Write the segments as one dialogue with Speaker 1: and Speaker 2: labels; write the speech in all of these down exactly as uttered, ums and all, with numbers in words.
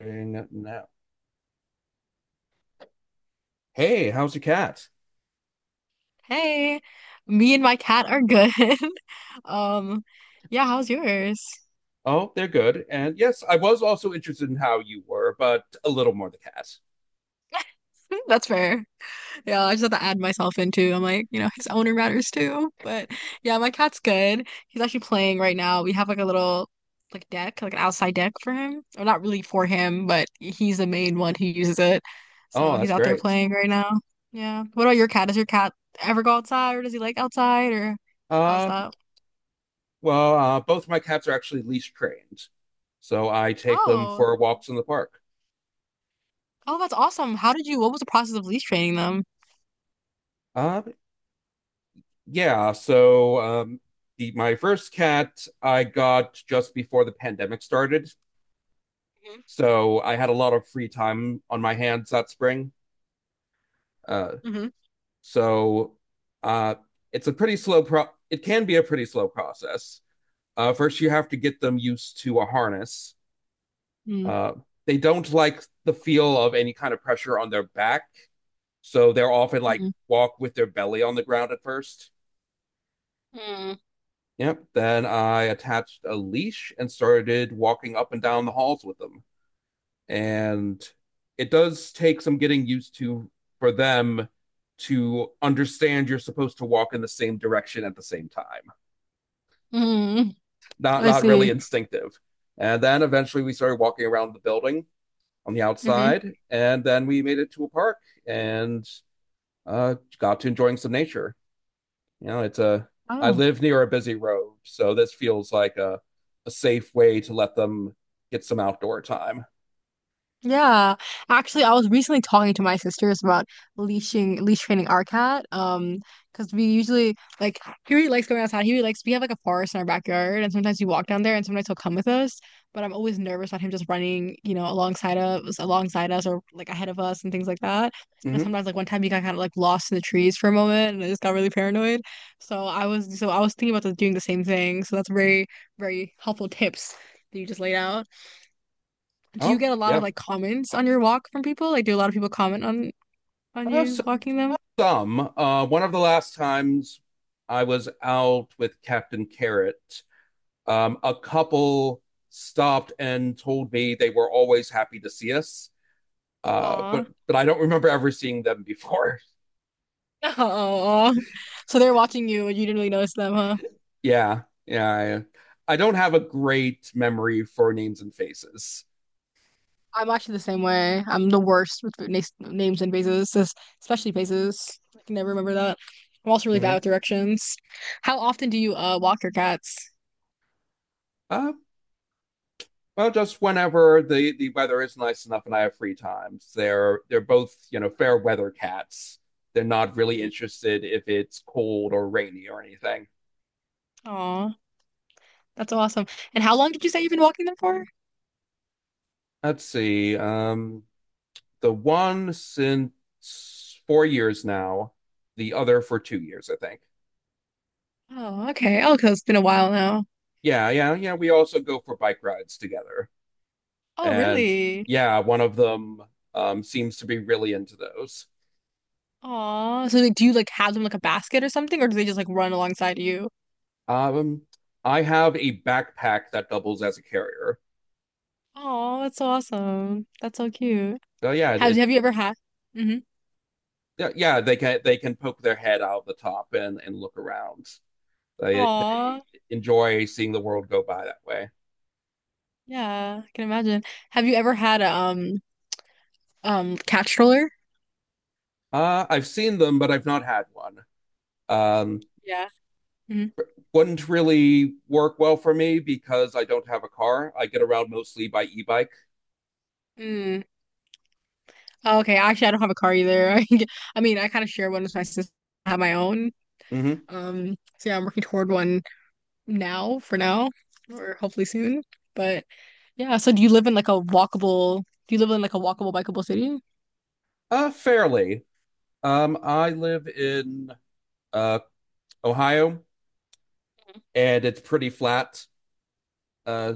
Speaker 1: Ain't now. Hey, how's the cats?
Speaker 2: Hey, me and my cat are good. Um, yeah, how's yours?
Speaker 1: Oh, they're good. And yes, I was also interested in how you were, but a little more the cats.
Speaker 2: That's fair. Yeah, I just had to add myself in too. I'm like, you know, his owner matters too. But yeah, my cat's good. He's actually playing right now. We have like a little like deck, like an outside deck for him. Or not really for him, but he's the main one who uses it. So
Speaker 1: Oh,
Speaker 2: he's
Speaker 1: that's
Speaker 2: out there
Speaker 1: great.
Speaker 2: playing right now. Yeah. What about your cat? Does your cat ever go outside or does he like outside or how's
Speaker 1: Uh,
Speaker 2: that?
Speaker 1: well, uh, both my cats are actually leash trained, so I take them
Speaker 2: Oh.
Speaker 1: for walks in the park.
Speaker 2: Oh, that's awesome. How did you, what was the process of leash training them?
Speaker 1: Uh, yeah. So, um, the my first cat I got just before the pandemic started, so I had a lot of free time on my hands that spring. Uh,
Speaker 2: Hmm.
Speaker 1: So uh, it's a pretty slow pro. It can be a pretty slow process. Uh, first, you have to get them used to a harness.
Speaker 2: Hmm.
Speaker 1: Uh, they don't like the feel of any kind of pressure on their back, so they're often like walk with their belly on the ground at first.
Speaker 2: Mm-hmm.
Speaker 1: Yep. Then I attached a leash and started walking up and down the halls with them. And it does take some getting used to for them to understand you're supposed to walk in the same direction at the same time.
Speaker 2: Mm-hmm.
Speaker 1: not
Speaker 2: I
Speaker 1: not really
Speaker 2: see.
Speaker 1: instinctive. And then eventually we started walking around the building on the
Speaker 2: Mm-hmm.
Speaker 1: outside, and then we made it to a park and uh, got to enjoying some nature. You know, it's a I
Speaker 2: Oh.
Speaker 1: live near a busy road, so this feels like a a safe way to let them get some outdoor time.
Speaker 2: Yeah, actually, I was recently talking to my sisters about leashing, leash training our cat. Um, because we usually like he really likes going outside. He really likes we have like a forest in our backyard, and sometimes we walk down there, and sometimes he'll come with us. But I'm always nervous about him just running, you know, alongside us, alongside us, or like ahead of us, and things like that. And
Speaker 1: Hmm
Speaker 2: sometimes, like one time, he got kind of like lost in the trees for a moment, and I just got really paranoid. So I was, so I was thinking about doing the same thing. So that's very, very helpful tips that you just laid out. Do you
Speaker 1: Oh
Speaker 2: get a lot of
Speaker 1: yeah,
Speaker 2: like comments on your walk from people? Like, do a lot of people comment on on
Speaker 1: uh,
Speaker 2: you
Speaker 1: so
Speaker 2: walking them?
Speaker 1: some. Uh, one of the last times I was out with Captain Carrot, Um, a couple stopped and told me they were always happy to see us, uh,
Speaker 2: Aw.
Speaker 1: but but I don't remember ever seeing them before.
Speaker 2: Oh, so they're watching you and you didn't really notice them, huh?
Speaker 1: Yeah, yeah. I, I don't have a great memory for names and faces.
Speaker 2: I'm actually the same way. I'm the worst with na names and faces, es- especially faces. I can never remember that. I'm also really bad
Speaker 1: Mhm.
Speaker 2: with directions. How often do you uh walk your cats?
Speaker 1: Uh, well, just whenever the, the weather is nice enough and I have free time. They're they're both you know fair weather cats. They're not really
Speaker 2: Mm.
Speaker 1: interested if it's cold or rainy or anything.
Speaker 2: Aw, that's awesome. And how long did you say you've been walking them for?
Speaker 1: Let's see. Um, the one since four years now, the other for two years, I think.
Speaker 2: Oh, okay. Oh, 'cause it's been a while now.
Speaker 1: Yeah, yeah, yeah. We also go for bike rides together.
Speaker 2: Oh,
Speaker 1: And
Speaker 2: really?
Speaker 1: yeah, one of them um, seems to be really into those.
Speaker 2: Aw, so like, do you like have them like a basket or something, or do they just like run alongside you?
Speaker 1: Um, I have a backpack that doubles as a carrier.
Speaker 2: Aw, that's so awesome. That's so cute.
Speaker 1: So yeah,
Speaker 2: Have have
Speaker 1: it
Speaker 2: you ever had? Mm-hmm.
Speaker 1: yeah, yeah, they can they can poke their head out the top and and look around. They they
Speaker 2: Aw,
Speaker 1: enjoy seeing the world go by that way.
Speaker 2: yeah, I can imagine. Have you ever had a um um cat stroller?
Speaker 1: Uh, I've seen them, but I've not had one. Um,
Speaker 2: Yeah. Hmm.
Speaker 1: wouldn't really work well for me because I don't have a car. I get around mostly by e-bike.
Speaker 2: Mm. Oh, okay. Actually, I don't have a car either. I get- I mean, I kind of share one with my sister. I have my own.
Speaker 1: Hmm
Speaker 2: Um, so yeah, I'm working toward one now for now, or hopefully soon. But yeah, so do you live in like a walkable? Do you live in like a walkable, bikeable city?
Speaker 1: Uh, fairly. Um, I live in uh, Ohio, and it's pretty flat. Uh,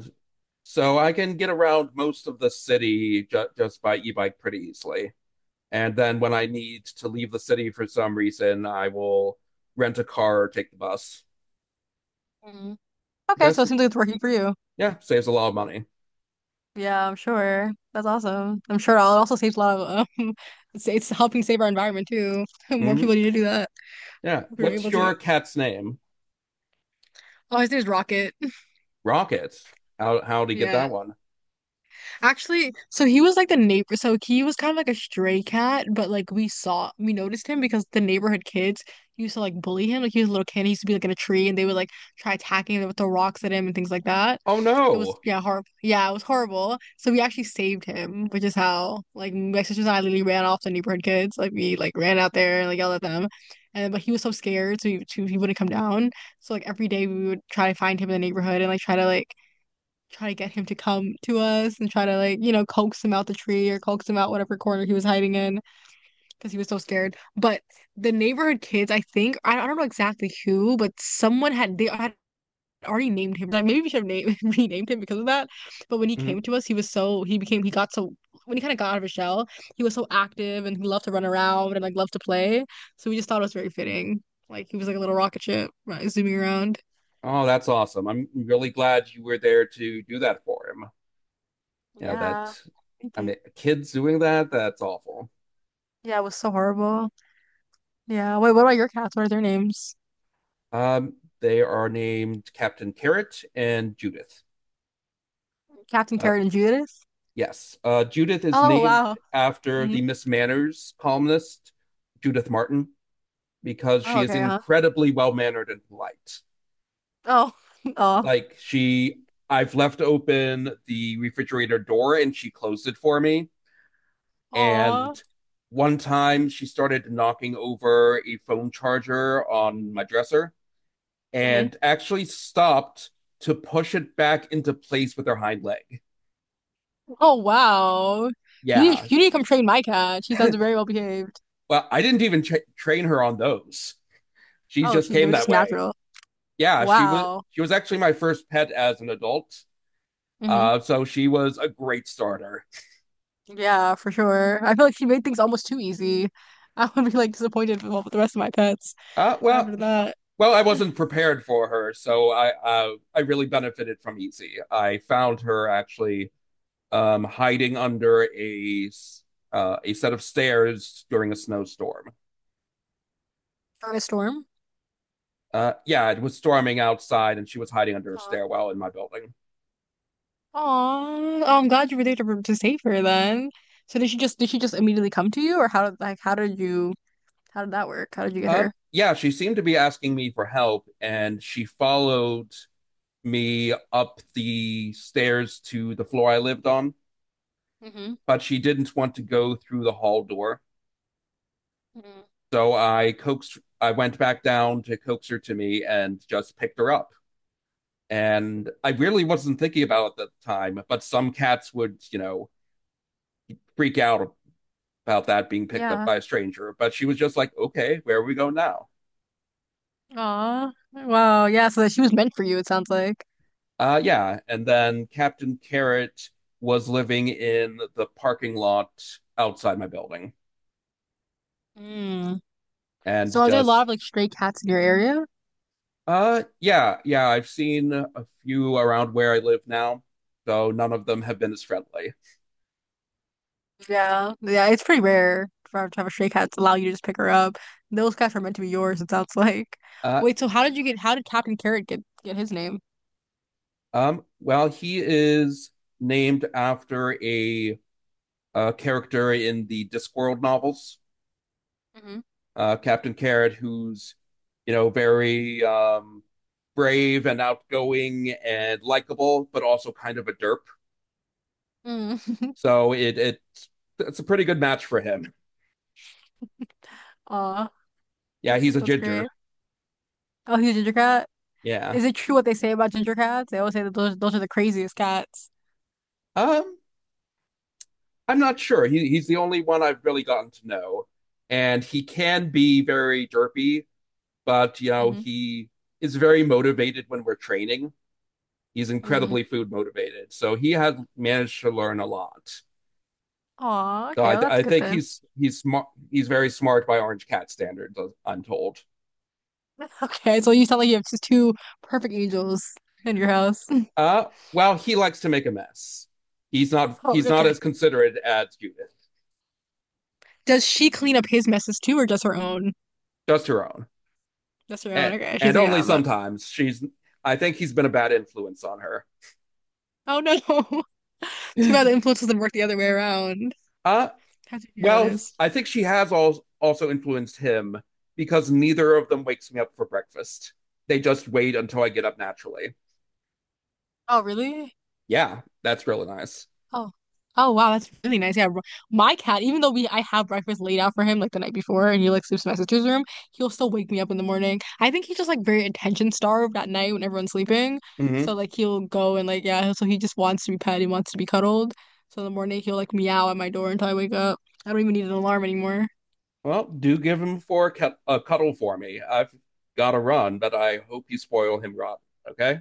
Speaker 1: so I can get around most of the city ju- just by e-bike pretty easily. And then when I need to leave the city for some reason, I will rent a car or take the bus.
Speaker 2: Mm. Okay, so
Speaker 1: That's
Speaker 2: it seems like it's working for you.
Speaker 1: yeah, saves a lot of money.
Speaker 2: Yeah, I'm sure. That's awesome. I'm sure it also saves a lot of um, it's, it's helping save our environment too. More
Speaker 1: Hmm
Speaker 2: people need to do that
Speaker 1: Yeah.
Speaker 2: if we are
Speaker 1: What's
Speaker 2: able to.
Speaker 1: your cat's name?
Speaker 2: Oh, his name's Rocket.
Speaker 1: Rockets. How how did he get
Speaker 2: Yeah.
Speaker 1: that one?
Speaker 2: Actually, so he was like the neighbor. So he was kind of like a stray cat, but like we saw, we noticed him because the neighborhood kids used to like bully him. Like he was a little kid, he used to be like in a tree, and they would like try attacking him with the rocks at him and things like that.
Speaker 1: Oh
Speaker 2: It was
Speaker 1: no.
Speaker 2: yeah, horrible. Yeah, it was horrible. So we actually saved him, which is how like my sisters and I literally ran off the neighborhood kids. Like we like ran out there and like yelled at them, and but he was so scared, so he, so he wouldn't come down. So like every day we would try to find him in the neighborhood and like try to like try to get him to come to us and try to like, you know, coax him out the tree or coax him out whatever corner he was hiding in because he was so scared. But the neighborhood kids, I think, I don't know exactly who, but someone had they had already named him. Like maybe we should have named renamed him because of that. But when he
Speaker 1: Mhm.
Speaker 2: came to us, he was so he became he got so when he kind of got out of his shell, he was so active and he loved to run around and like loved to play. So we just thought it was very fitting. Like he was like a little rocket ship, right, zooming around.
Speaker 1: Oh, that's awesome. I'm really glad you were there to do that for him. Yeah, that
Speaker 2: Yeah. Thank
Speaker 1: I mean
Speaker 2: you.
Speaker 1: kids doing that, that's awful.
Speaker 2: Yeah, it was so horrible. Yeah. Wait, what about your cats? What are their names?
Speaker 1: Um, they are named Captain Carrot and Judith.
Speaker 2: Captain
Speaker 1: Uh,
Speaker 2: Carrot and Judas?
Speaker 1: yes. Uh, Judith is
Speaker 2: Oh,
Speaker 1: named
Speaker 2: wow.
Speaker 1: after
Speaker 2: Hmm.
Speaker 1: the Miss Manners columnist, Judith Martin, because
Speaker 2: Oh,
Speaker 1: she is
Speaker 2: okay, huh?
Speaker 1: incredibly well mannered and polite.
Speaker 2: Oh. Oh.
Speaker 1: Like she, I've left open the refrigerator door and she closed it for me.
Speaker 2: Aw.
Speaker 1: And one time she started knocking over a phone charger on my dresser
Speaker 2: Hmm.
Speaker 1: and actually stopped to push it back into place with her hind leg.
Speaker 2: Oh, wow. You need,
Speaker 1: Yeah.
Speaker 2: you need to come train my cat. She sounds very well behaved.
Speaker 1: Well, I didn't even tra- train her on those. She
Speaker 2: Oh,
Speaker 1: just
Speaker 2: she
Speaker 1: came
Speaker 2: was
Speaker 1: that
Speaker 2: just
Speaker 1: way.
Speaker 2: natural.
Speaker 1: Yeah, she was
Speaker 2: Wow.
Speaker 1: she was actually my first pet as an adult.
Speaker 2: Hmm.
Speaker 1: Uh, so she was a great starter.
Speaker 2: Yeah, for sure. I feel like she made things almost too easy. I would be like disappointed with all the rest of my pets
Speaker 1: Uh, well,
Speaker 2: after
Speaker 1: sh-
Speaker 2: that.
Speaker 1: well, I wasn't prepared for her, so I uh, I really benefited from Easy. I found her actually um, hiding under a s- uh, a set of stairs during a snowstorm.
Speaker 2: Starting a storm?
Speaker 1: Uh, yeah, it was storming outside, and she was hiding under a stairwell in my building.
Speaker 2: Aw, oh, I'm glad you were there to, to save her then. So did she just did she just immediately come to you or how did like how did you how did that work? How did you get
Speaker 1: Um,
Speaker 2: her?
Speaker 1: yeah, she seemed to be asking me for help, and she followed me up the stairs to the floor I lived on,
Speaker 2: Mm-hmm.
Speaker 1: but she didn't want to go through the hall door.
Speaker 2: Hmm.
Speaker 1: So I coaxed, I went back down to coax her to me and just picked her up. And I really wasn't thinking about it at the time, but some cats would, you know, freak out about that being picked up
Speaker 2: Yeah.
Speaker 1: by a stranger. But she was just like, okay, where are we go now?
Speaker 2: Aw. Wow. Yeah, so that she was meant for you, it sounds like.
Speaker 1: Uh, yeah. And then Captain Carrot was living in the parking lot outside my building
Speaker 2: Mm.
Speaker 1: and
Speaker 2: So are there a lot
Speaker 1: just,
Speaker 2: of like stray cats in your area?
Speaker 1: uh, yeah, yeah, I've seen a few around where I live now, though none of them have been as friendly.
Speaker 2: Yeah. Yeah, it's pretty rare for to have a stray cat to allow you to just pick her up. Those cats are meant to be yours, it sounds like.
Speaker 1: Uh,
Speaker 2: Wait, so how did you get how did Captain Carrot get get his name?
Speaker 1: Um, well, he is named after a, uh character in the Discworld novels,
Speaker 2: Hmm.
Speaker 1: uh, Captain Carrot, who's, you know, very um, brave and outgoing and likable, but also kind of a derp.
Speaker 2: Mm.
Speaker 1: So it, it it's a pretty good match for him.
Speaker 2: Aw,
Speaker 1: Yeah,
Speaker 2: that's
Speaker 1: he's a
Speaker 2: that's
Speaker 1: ginger.
Speaker 2: great. Oh, he's a ginger cat?
Speaker 1: Yeah.
Speaker 2: Is it true what they say about ginger cats? They always say that those those are the craziest cats.
Speaker 1: Um, I'm not sure. He he's the only one I've really gotten to know, and he can be very derpy but you know
Speaker 2: Mm-hmm.
Speaker 1: he is very motivated when we're training. He's
Speaker 2: Mm.
Speaker 1: incredibly food motivated, so he had managed to learn a lot.
Speaker 2: Aw,
Speaker 1: So
Speaker 2: okay,
Speaker 1: I,
Speaker 2: well that's
Speaker 1: I
Speaker 2: good
Speaker 1: think
Speaker 2: then.
Speaker 1: he's he's smart. He's very smart by Orange Cat standards. I'm told.
Speaker 2: Okay, so you sound like you have just two perfect angels in your house.
Speaker 1: Uh, well, he likes to make a mess. He's not
Speaker 2: Oh,
Speaker 1: he's not
Speaker 2: okay.
Speaker 1: as considerate as Judith,
Speaker 2: Does she clean up his messes too, or just her own?
Speaker 1: just her own,
Speaker 2: Just her own.
Speaker 1: and,
Speaker 2: Okay, she's
Speaker 1: and
Speaker 2: like,
Speaker 1: only
Speaker 2: ah, but
Speaker 1: sometimes. She's I think he's been a bad influence on her.
Speaker 2: oh no, too bad the influence doesn't work the other way around.
Speaker 1: Uh,
Speaker 2: How did you
Speaker 1: Well,
Speaker 2: notice?
Speaker 1: I think she has al- also influenced him because neither of them wakes me up for breakfast. They just wait until I get up naturally.
Speaker 2: Oh, really?
Speaker 1: Yeah, that's really nice.
Speaker 2: Oh, oh wow, that's really nice. Yeah, bro- my cat, even though we I have breakfast laid out for him like the night before, and he like sleeps in my sister's room, he'll still wake me up in the morning. I think he's just like very attention starved at night when everyone's sleeping. So
Speaker 1: Hmm
Speaker 2: like he'll go and like yeah, so he just wants to be pet, he wants to be cuddled. So in the morning he'll like meow at my door until I wake up. I don't even need an alarm anymore.
Speaker 1: Well, do give him for a, cu- a cuddle for me. I've got to run, but I hope you spoil him rotten. Okay.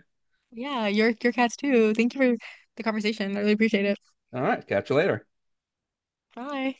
Speaker 2: Yeah, your your cats too. Thank you for the conversation. I really appreciate it.
Speaker 1: All right. Catch you later.
Speaker 2: Bye.